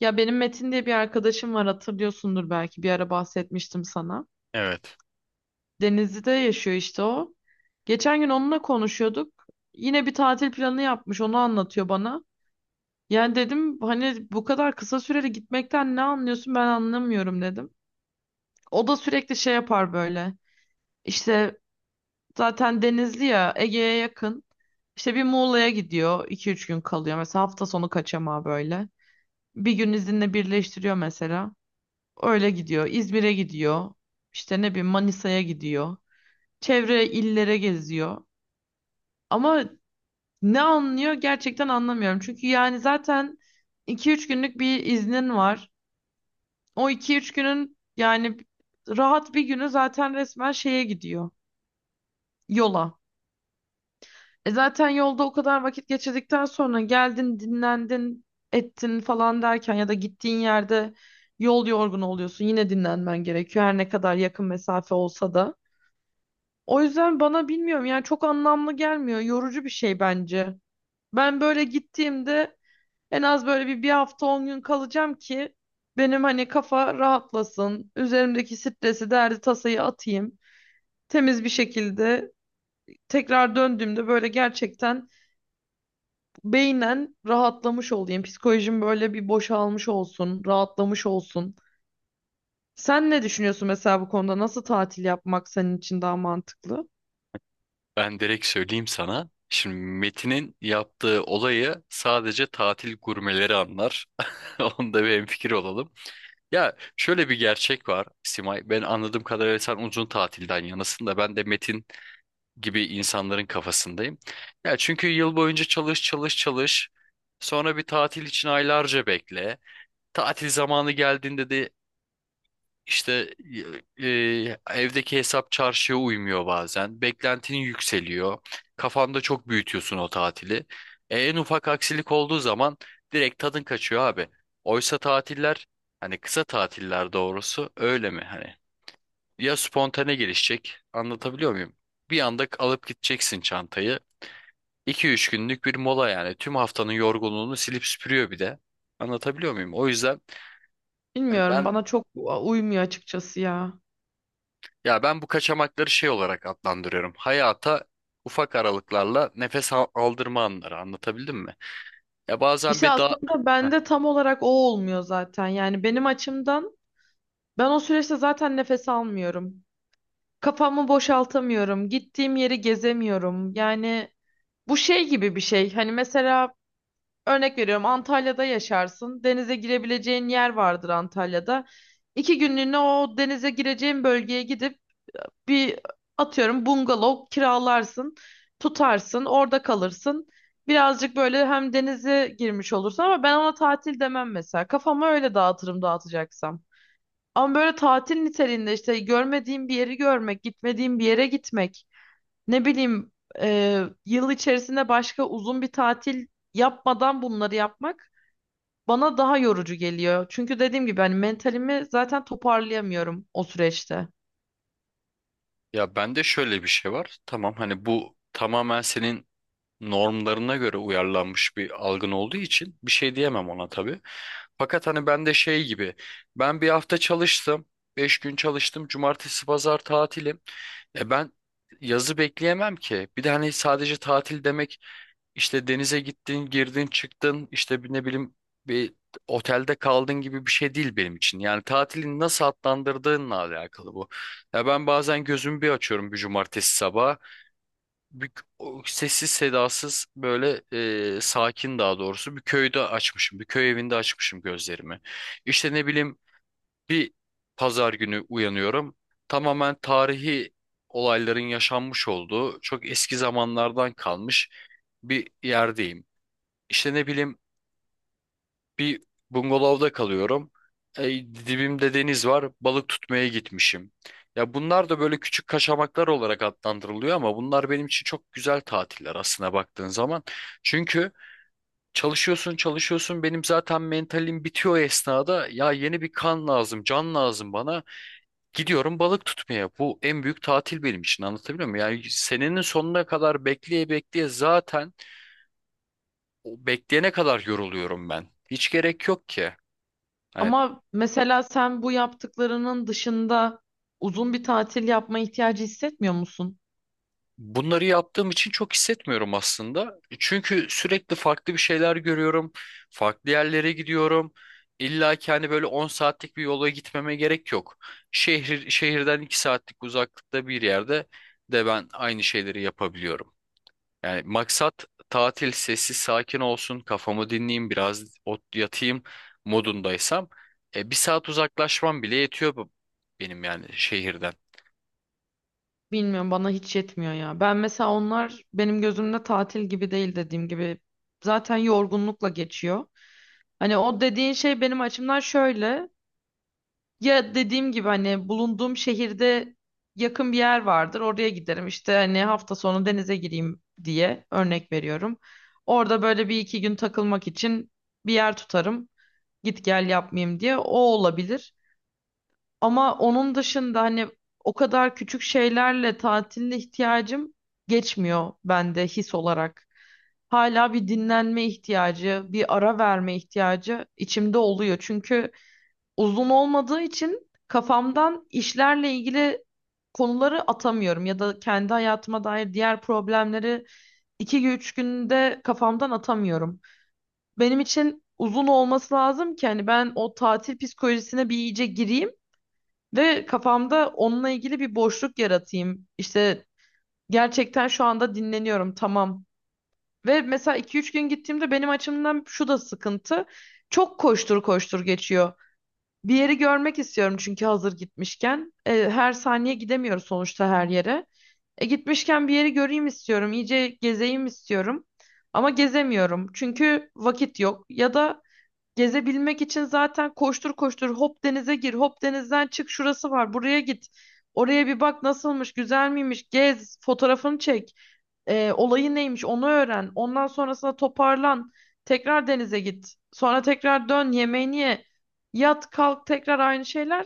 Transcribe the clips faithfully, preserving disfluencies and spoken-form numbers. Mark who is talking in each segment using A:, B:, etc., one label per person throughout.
A: Ya benim Metin diye bir arkadaşım var hatırlıyorsundur belki bir ara bahsetmiştim sana.
B: Evet.
A: Denizli'de yaşıyor işte o. Geçen gün onunla konuşuyorduk. Yine bir tatil planı yapmış onu anlatıyor bana. Yani dedim hani bu kadar kısa süreli gitmekten ne anlıyorsun ben anlamıyorum dedim. O da sürekli şey yapar böyle. İşte zaten Denizli ya Ege'ye yakın. İşte bir Muğla'ya gidiyor iki üç gün kalıyor. Mesela hafta sonu kaçamağı böyle. Bir gün izinle birleştiriyor mesela. Öyle gidiyor. İzmir'e gidiyor. İşte ne bileyim Manisa'ya gidiyor. Çevre illere geziyor. Ama ne anlıyor gerçekten anlamıyorum. Çünkü yani zaten iki üç günlük bir iznin var. O iki üç günün yani rahat bir günü zaten resmen şeye gidiyor. Yola. E zaten yolda o kadar vakit geçirdikten sonra geldin, dinlendin, ettin falan derken ya da gittiğin yerde yol yorgunu oluyorsun. Yine dinlenmen gerekiyor her ne kadar yakın mesafe olsa da. O yüzden bana bilmiyorum yani çok anlamlı gelmiyor. Yorucu bir şey bence. Ben böyle gittiğimde en az böyle bir, bir hafta on gün kalacağım ki benim hani kafa rahatlasın. Üzerimdeki stresi, derdi, tasayı atayım. Temiz bir şekilde tekrar döndüğümde böyle gerçekten beynen rahatlamış olayım. Psikolojim böyle bir boşalmış olsun, rahatlamış olsun. Sen ne düşünüyorsun mesela bu konuda? Nasıl tatil yapmak senin için daha mantıklı?
B: Ben direkt söyleyeyim sana. Şimdi Metin'in yaptığı olayı sadece tatil gurmeleri anlar. Onda bir hemfikir olalım. Ya şöyle bir gerçek var Simay. Ben anladığım kadarıyla sen uzun tatilden yanasın da ben de Metin gibi insanların kafasındayım. Ya çünkü yıl boyunca çalış çalış çalış. Sonra bir tatil için aylarca bekle. Tatil zamanı geldiğinde de İşte e, e, evdeki hesap çarşıya uymuyor bazen. Beklentinin yükseliyor. Kafanda çok büyütüyorsun o tatili. E, en ufak aksilik olduğu zaman direkt tadın kaçıyor abi. Oysa tatiller, hani kısa tatiller doğrusu öyle mi? Hani ya spontane gelişecek, anlatabiliyor muyum? Bir anda alıp gideceksin çantayı. iki üç günlük bir mola yani tüm haftanın yorgunluğunu silip süpürüyor bir de. Anlatabiliyor muyum? O yüzden e,
A: Bilmiyorum,
B: ben...
A: bana çok u- uymuyor açıkçası ya.
B: Ya ben bu kaçamakları şey olarak adlandırıyorum. Hayata ufak aralıklarla nefes al- aldırma anları, anlatabildim mi? Ya bazen
A: İşte
B: bir daha...
A: aslında
B: Heh.
A: bende tam olarak o olmuyor zaten. Yani benim açımdan ben o süreçte zaten nefes almıyorum. Kafamı boşaltamıyorum. Gittiğim yeri gezemiyorum. Yani bu şey gibi bir şey. Hani mesela örnek veriyorum Antalya'da yaşarsın. Denize girebileceğin yer vardır Antalya'da. İki günlüğüne o denize gireceğin bölgeye gidip bir atıyorum bungalov kiralarsın. Tutarsın orada kalırsın. Birazcık böyle hem denize girmiş olursun ama ben ona tatil demem mesela. Kafamı öyle dağıtırım dağıtacaksam. Ama böyle tatil niteliğinde işte görmediğim bir yeri görmek, gitmediğim bir yere gitmek. Ne bileyim e, yıl içerisinde başka uzun bir tatil yapmadan bunları yapmak bana daha yorucu geliyor. Çünkü dediğim gibi hani mentalimi zaten toparlayamıyorum o süreçte.
B: Ya bende şöyle bir şey var. Tamam, hani bu tamamen senin normlarına göre uyarlanmış bir algın olduğu için bir şey diyemem ona tabii. Fakat hani ben de şey gibi, ben bir hafta çalıştım, beş gün çalıştım, cumartesi pazar tatilim. E ben yazı bekleyemem ki. Bir de hani sadece tatil demek, işte denize gittin, girdin, çıktın, işte bir ne bileyim bir otelde kaldın gibi bir şey değil benim için. Yani tatilin nasıl adlandırdığınla alakalı bu. Ya ben bazen gözümü bir açıyorum, bir cumartesi sabahı, bir o sessiz sedasız, böyle e, sakin, daha doğrusu bir köyde açmışım. Bir köy evinde açmışım gözlerimi. İşte ne bileyim, bir pazar günü uyanıyorum. Tamamen tarihi olayların yaşanmış olduğu çok eski zamanlardan kalmış bir yerdeyim. İşte ne bileyim, bir bungalovda kalıyorum. E, dibimde deniz var. Balık tutmaya gitmişim. Ya bunlar da böyle küçük kaçamaklar olarak adlandırılıyor, ama bunlar benim için çok güzel tatiller aslına baktığın zaman. Çünkü çalışıyorsun çalışıyorsun benim zaten mentalim bitiyor o esnada. Ya yeni bir kan lazım, can lazım bana. Gidiyorum balık tutmaya. Bu en büyük tatil benim için, anlatabiliyor muyum? Yani senenin sonuna kadar bekleye bekleye zaten o bekleyene kadar yoruluyorum ben. Hiç gerek yok ki. Hani...
A: Ama mesela sen bu yaptıklarının dışında uzun bir tatil yapma ihtiyacı hissetmiyor musun?
B: Bunları yaptığım için çok hissetmiyorum aslında. Çünkü sürekli farklı bir şeyler görüyorum. Farklı yerlere gidiyorum. İlla ki hani böyle on saatlik bir yola gitmeme gerek yok. Şehir, şehirden iki saatlik uzaklıkta bir yerde de ben aynı şeyleri yapabiliyorum. Yani maksat tatil sessiz sakin olsun, kafamı dinleyeyim, biraz ot yatayım modundaysam e, bir saat uzaklaşmam bile yetiyor bu- benim, yani şehirden.
A: Bilmiyorum bana hiç yetmiyor ya. Ben mesela onlar benim gözümde tatil gibi değil dediğim gibi. Zaten yorgunlukla geçiyor. Hani o dediğin şey benim açımdan şöyle. Ya dediğim gibi hani bulunduğum şehirde yakın bir yer vardır. Oraya giderim. İşte hani hafta sonu denize gireyim diye örnek veriyorum. Orada böyle bir iki gün takılmak için bir yer tutarım. Git gel yapmayayım diye. O olabilir. Ama onun dışında hani o kadar küçük şeylerle tatiline ihtiyacım geçmiyor bende his olarak. Hala bir dinlenme ihtiyacı, bir ara verme ihtiyacı içimde oluyor. Çünkü uzun olmadığı için kafamdan işlerle ilgili konuları atamıyorum ya da kendi hayatıma dair diğer problemleri iki üç günde kafamdan atamıyorum. Benim için uzun olması lazım ki hani ben o tatil psikolojisine bir iyice gireyim ve kafamda onunla ilgili bir boşluk yaratayım. İşte gerçekten şu anda dinleniyorum tamam. Ve mesela iki üç gün gittiğimde benim açımdan şu da sıkıntı. Çok koştur koştur geçiyor. Bir yeri görmek istiyorum çünkü hazır gitmişken. E, her saniye gidemiyoruz sonuçta her yere. E, gitmişken bir yeri göreyim istiyorum, iyice gezeyim istiyorum. Ama gezemiyorum çünkü vakit yok. Ya da gezebilmek için zaten koştur koştur hop denize gir, hop denizden çık, şurası var, buraya git. Oraya bir bak nasılmış, güzel miymiş, gez, fotoğrafını çek. E, olayı neymiş onu öğren. Ondan sonrasında toparlan. Tekrar denize git. Sonra tekrar dön yemeğini ye. Yat kalk tekrar aynı şeyler.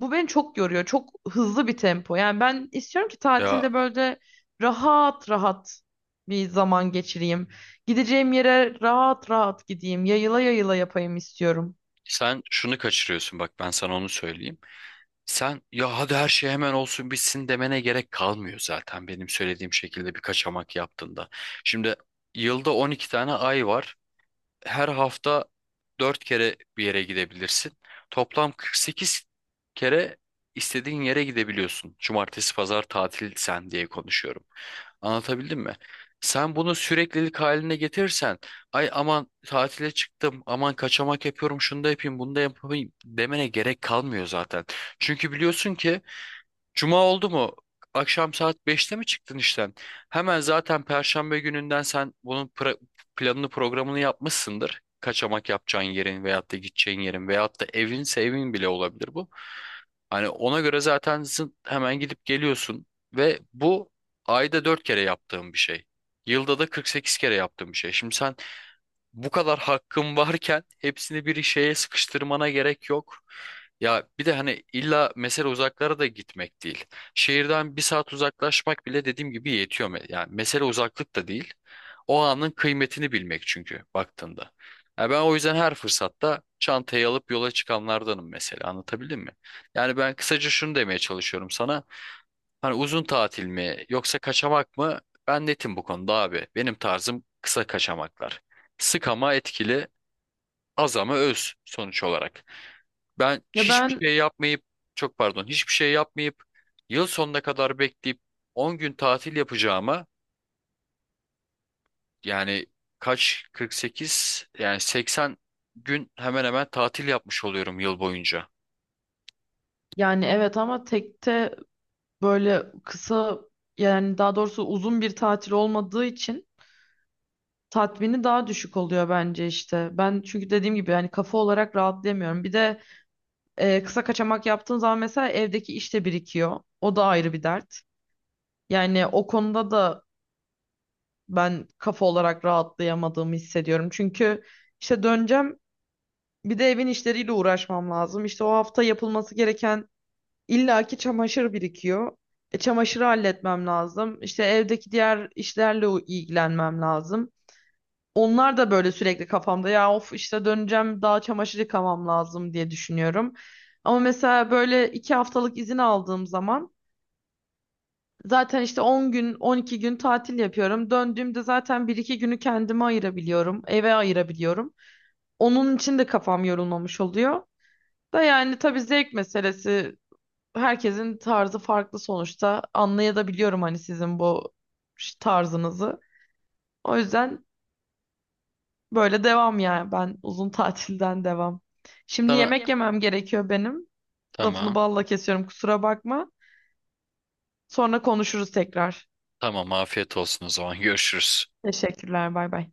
A: Bu beni çok yoruyor. Çok hızlı bir tempo. Yani ben istiyorum ki
B: Ya
A: tatilde böyle rahat rahat bir zaman geçireyim. Gideceğim yere rahat rahat gideyim. Yayıla yayıla yapayım istiyorum.
B: sen şunu kaçırıyorsun bak, ben sana onu söyleyeyim. Sen ya hadi her şey hemen olsun bitsin demene gerek kalmıyor zaten benim söylediğim şekilde bir kaçamak yaptığında. Şimdi yılda on iki tane ay var, her hafta dört kere bir yere gidebilirsin. Toplam kırk sekiz kere istediğin yere gidebiliyorsun. Cumartesi, pazar tatil sen diye konuşuyorum. Anlatabildim mi? Sen bunu süreklilik haline getirirsen, ay aman tatile çıktım, aman kaçamak yapıyorum, şunu da yapayım, bunu da yapayım demene gerek kalmıyor zaten. Çünkü biliyorsun ki Cuma oldu mu? Akşam saat beşte mi çıktın işten? Hemen zaten Perşembe gününden sen bunun pra- planını programını yapmışsındır. Kaçamak yapacağın yerin veyahut da gideceğin yerin veyahut da evinse evin bile olabilir bu. Hani ona göre zaten zın- hemen gidip geliyorsun ve bu ayda dört kere yaptığım bir şey. Yılda da kırk sekiz kere yaptığım bir şey. Şimdi sen bu kadar hakkım varken hepsini bir şeye sıkıştırmana gerek yok. Ya bir de hani illa mesele uzaklara da gitmek değil. Şehirden bir saat uzaklaşmak bile dediğim gibi yetiyor. me- Yani mesele uzaklık da değil. O anın kıymetini bilmek çünkü baktığında. Ya ben o yüzden her fırsatta çantayı alıp yola çıkanlardanım mesela, anlatabildim mi? Yani ben kısaca şunu demeye çalışıyorum sana. Hani uzun tatil mi yoksa kaçamak mı? Ben netim bu konuda abi. Benim tarzım kısa kaçamaklar. Sık ama etkili, az ama öz sonuç olarak. Ben
A: Ya
B: hiçbir
A: ben
B: şey yapmayıp, çok pardon, hiçbir şey yapmayıp yıl sonuna kadar bekleyip on gün tatil yapacağıma, yani kaç, kırk sekiz, yani seksen gün hemen hemen tatil yapmış oluyorum yıl boyunca.
A: yani evet ama tekte böyle kısa yani daha doğrusu uzun bir tatil olmadığı için tatmini daha düşük oluyor bence işte. Ben çünkü dediğim gibi yani kafa olarak rahatlayamıyorum. Bir de e, kısa kaçamak yaptığın zaman mesela evdeki iş de birikiyor. O da ayrı bir dert. Yani o konuda da ben kafa olarak rahatlayamadığımı hissediyorum. Çünkü işte döneceğim bir de evin işleriyle uğraşmam lazım. İşte o hafta yapılması gereken illaki çamaşır birikiyor. E, çamaşırı halletmem lazım. İşte evdeki diğer işlerle u- ilgilenmem lazım. Onlar da böyle sürekli kafamda ya of işte döneceğim daha çamaşır yıkamam lazım diye düşünüyorum. Ama mesela böyle iki haftalık izin aldığım zaman zaten işte on gün on iki gün tatil yapıyorum. Döndüğümde zaten bir iki günü kendime ayırabiliyorum. Eve ayırabiliyorum. Onun için de kafam yorulmamış oluyor. Da yani tabii zevk meselesi herkesin tarzı farklı sonuçta anlayabiliyorum hani sizin bu tarzınızı. O yüzden böyle devam yani ben uzun tatilden devam. Şimdi
B: Sana diye...
A: yemek yemem gerekiyor benim. Lafını
B: Tamam,
A: balla kesiyorum kusura bakma. Sonra konuşuruz tekrar.
B: tamam, afiyet olsun o zaman, görüşürüz.
A: Teşekkürler bay bay.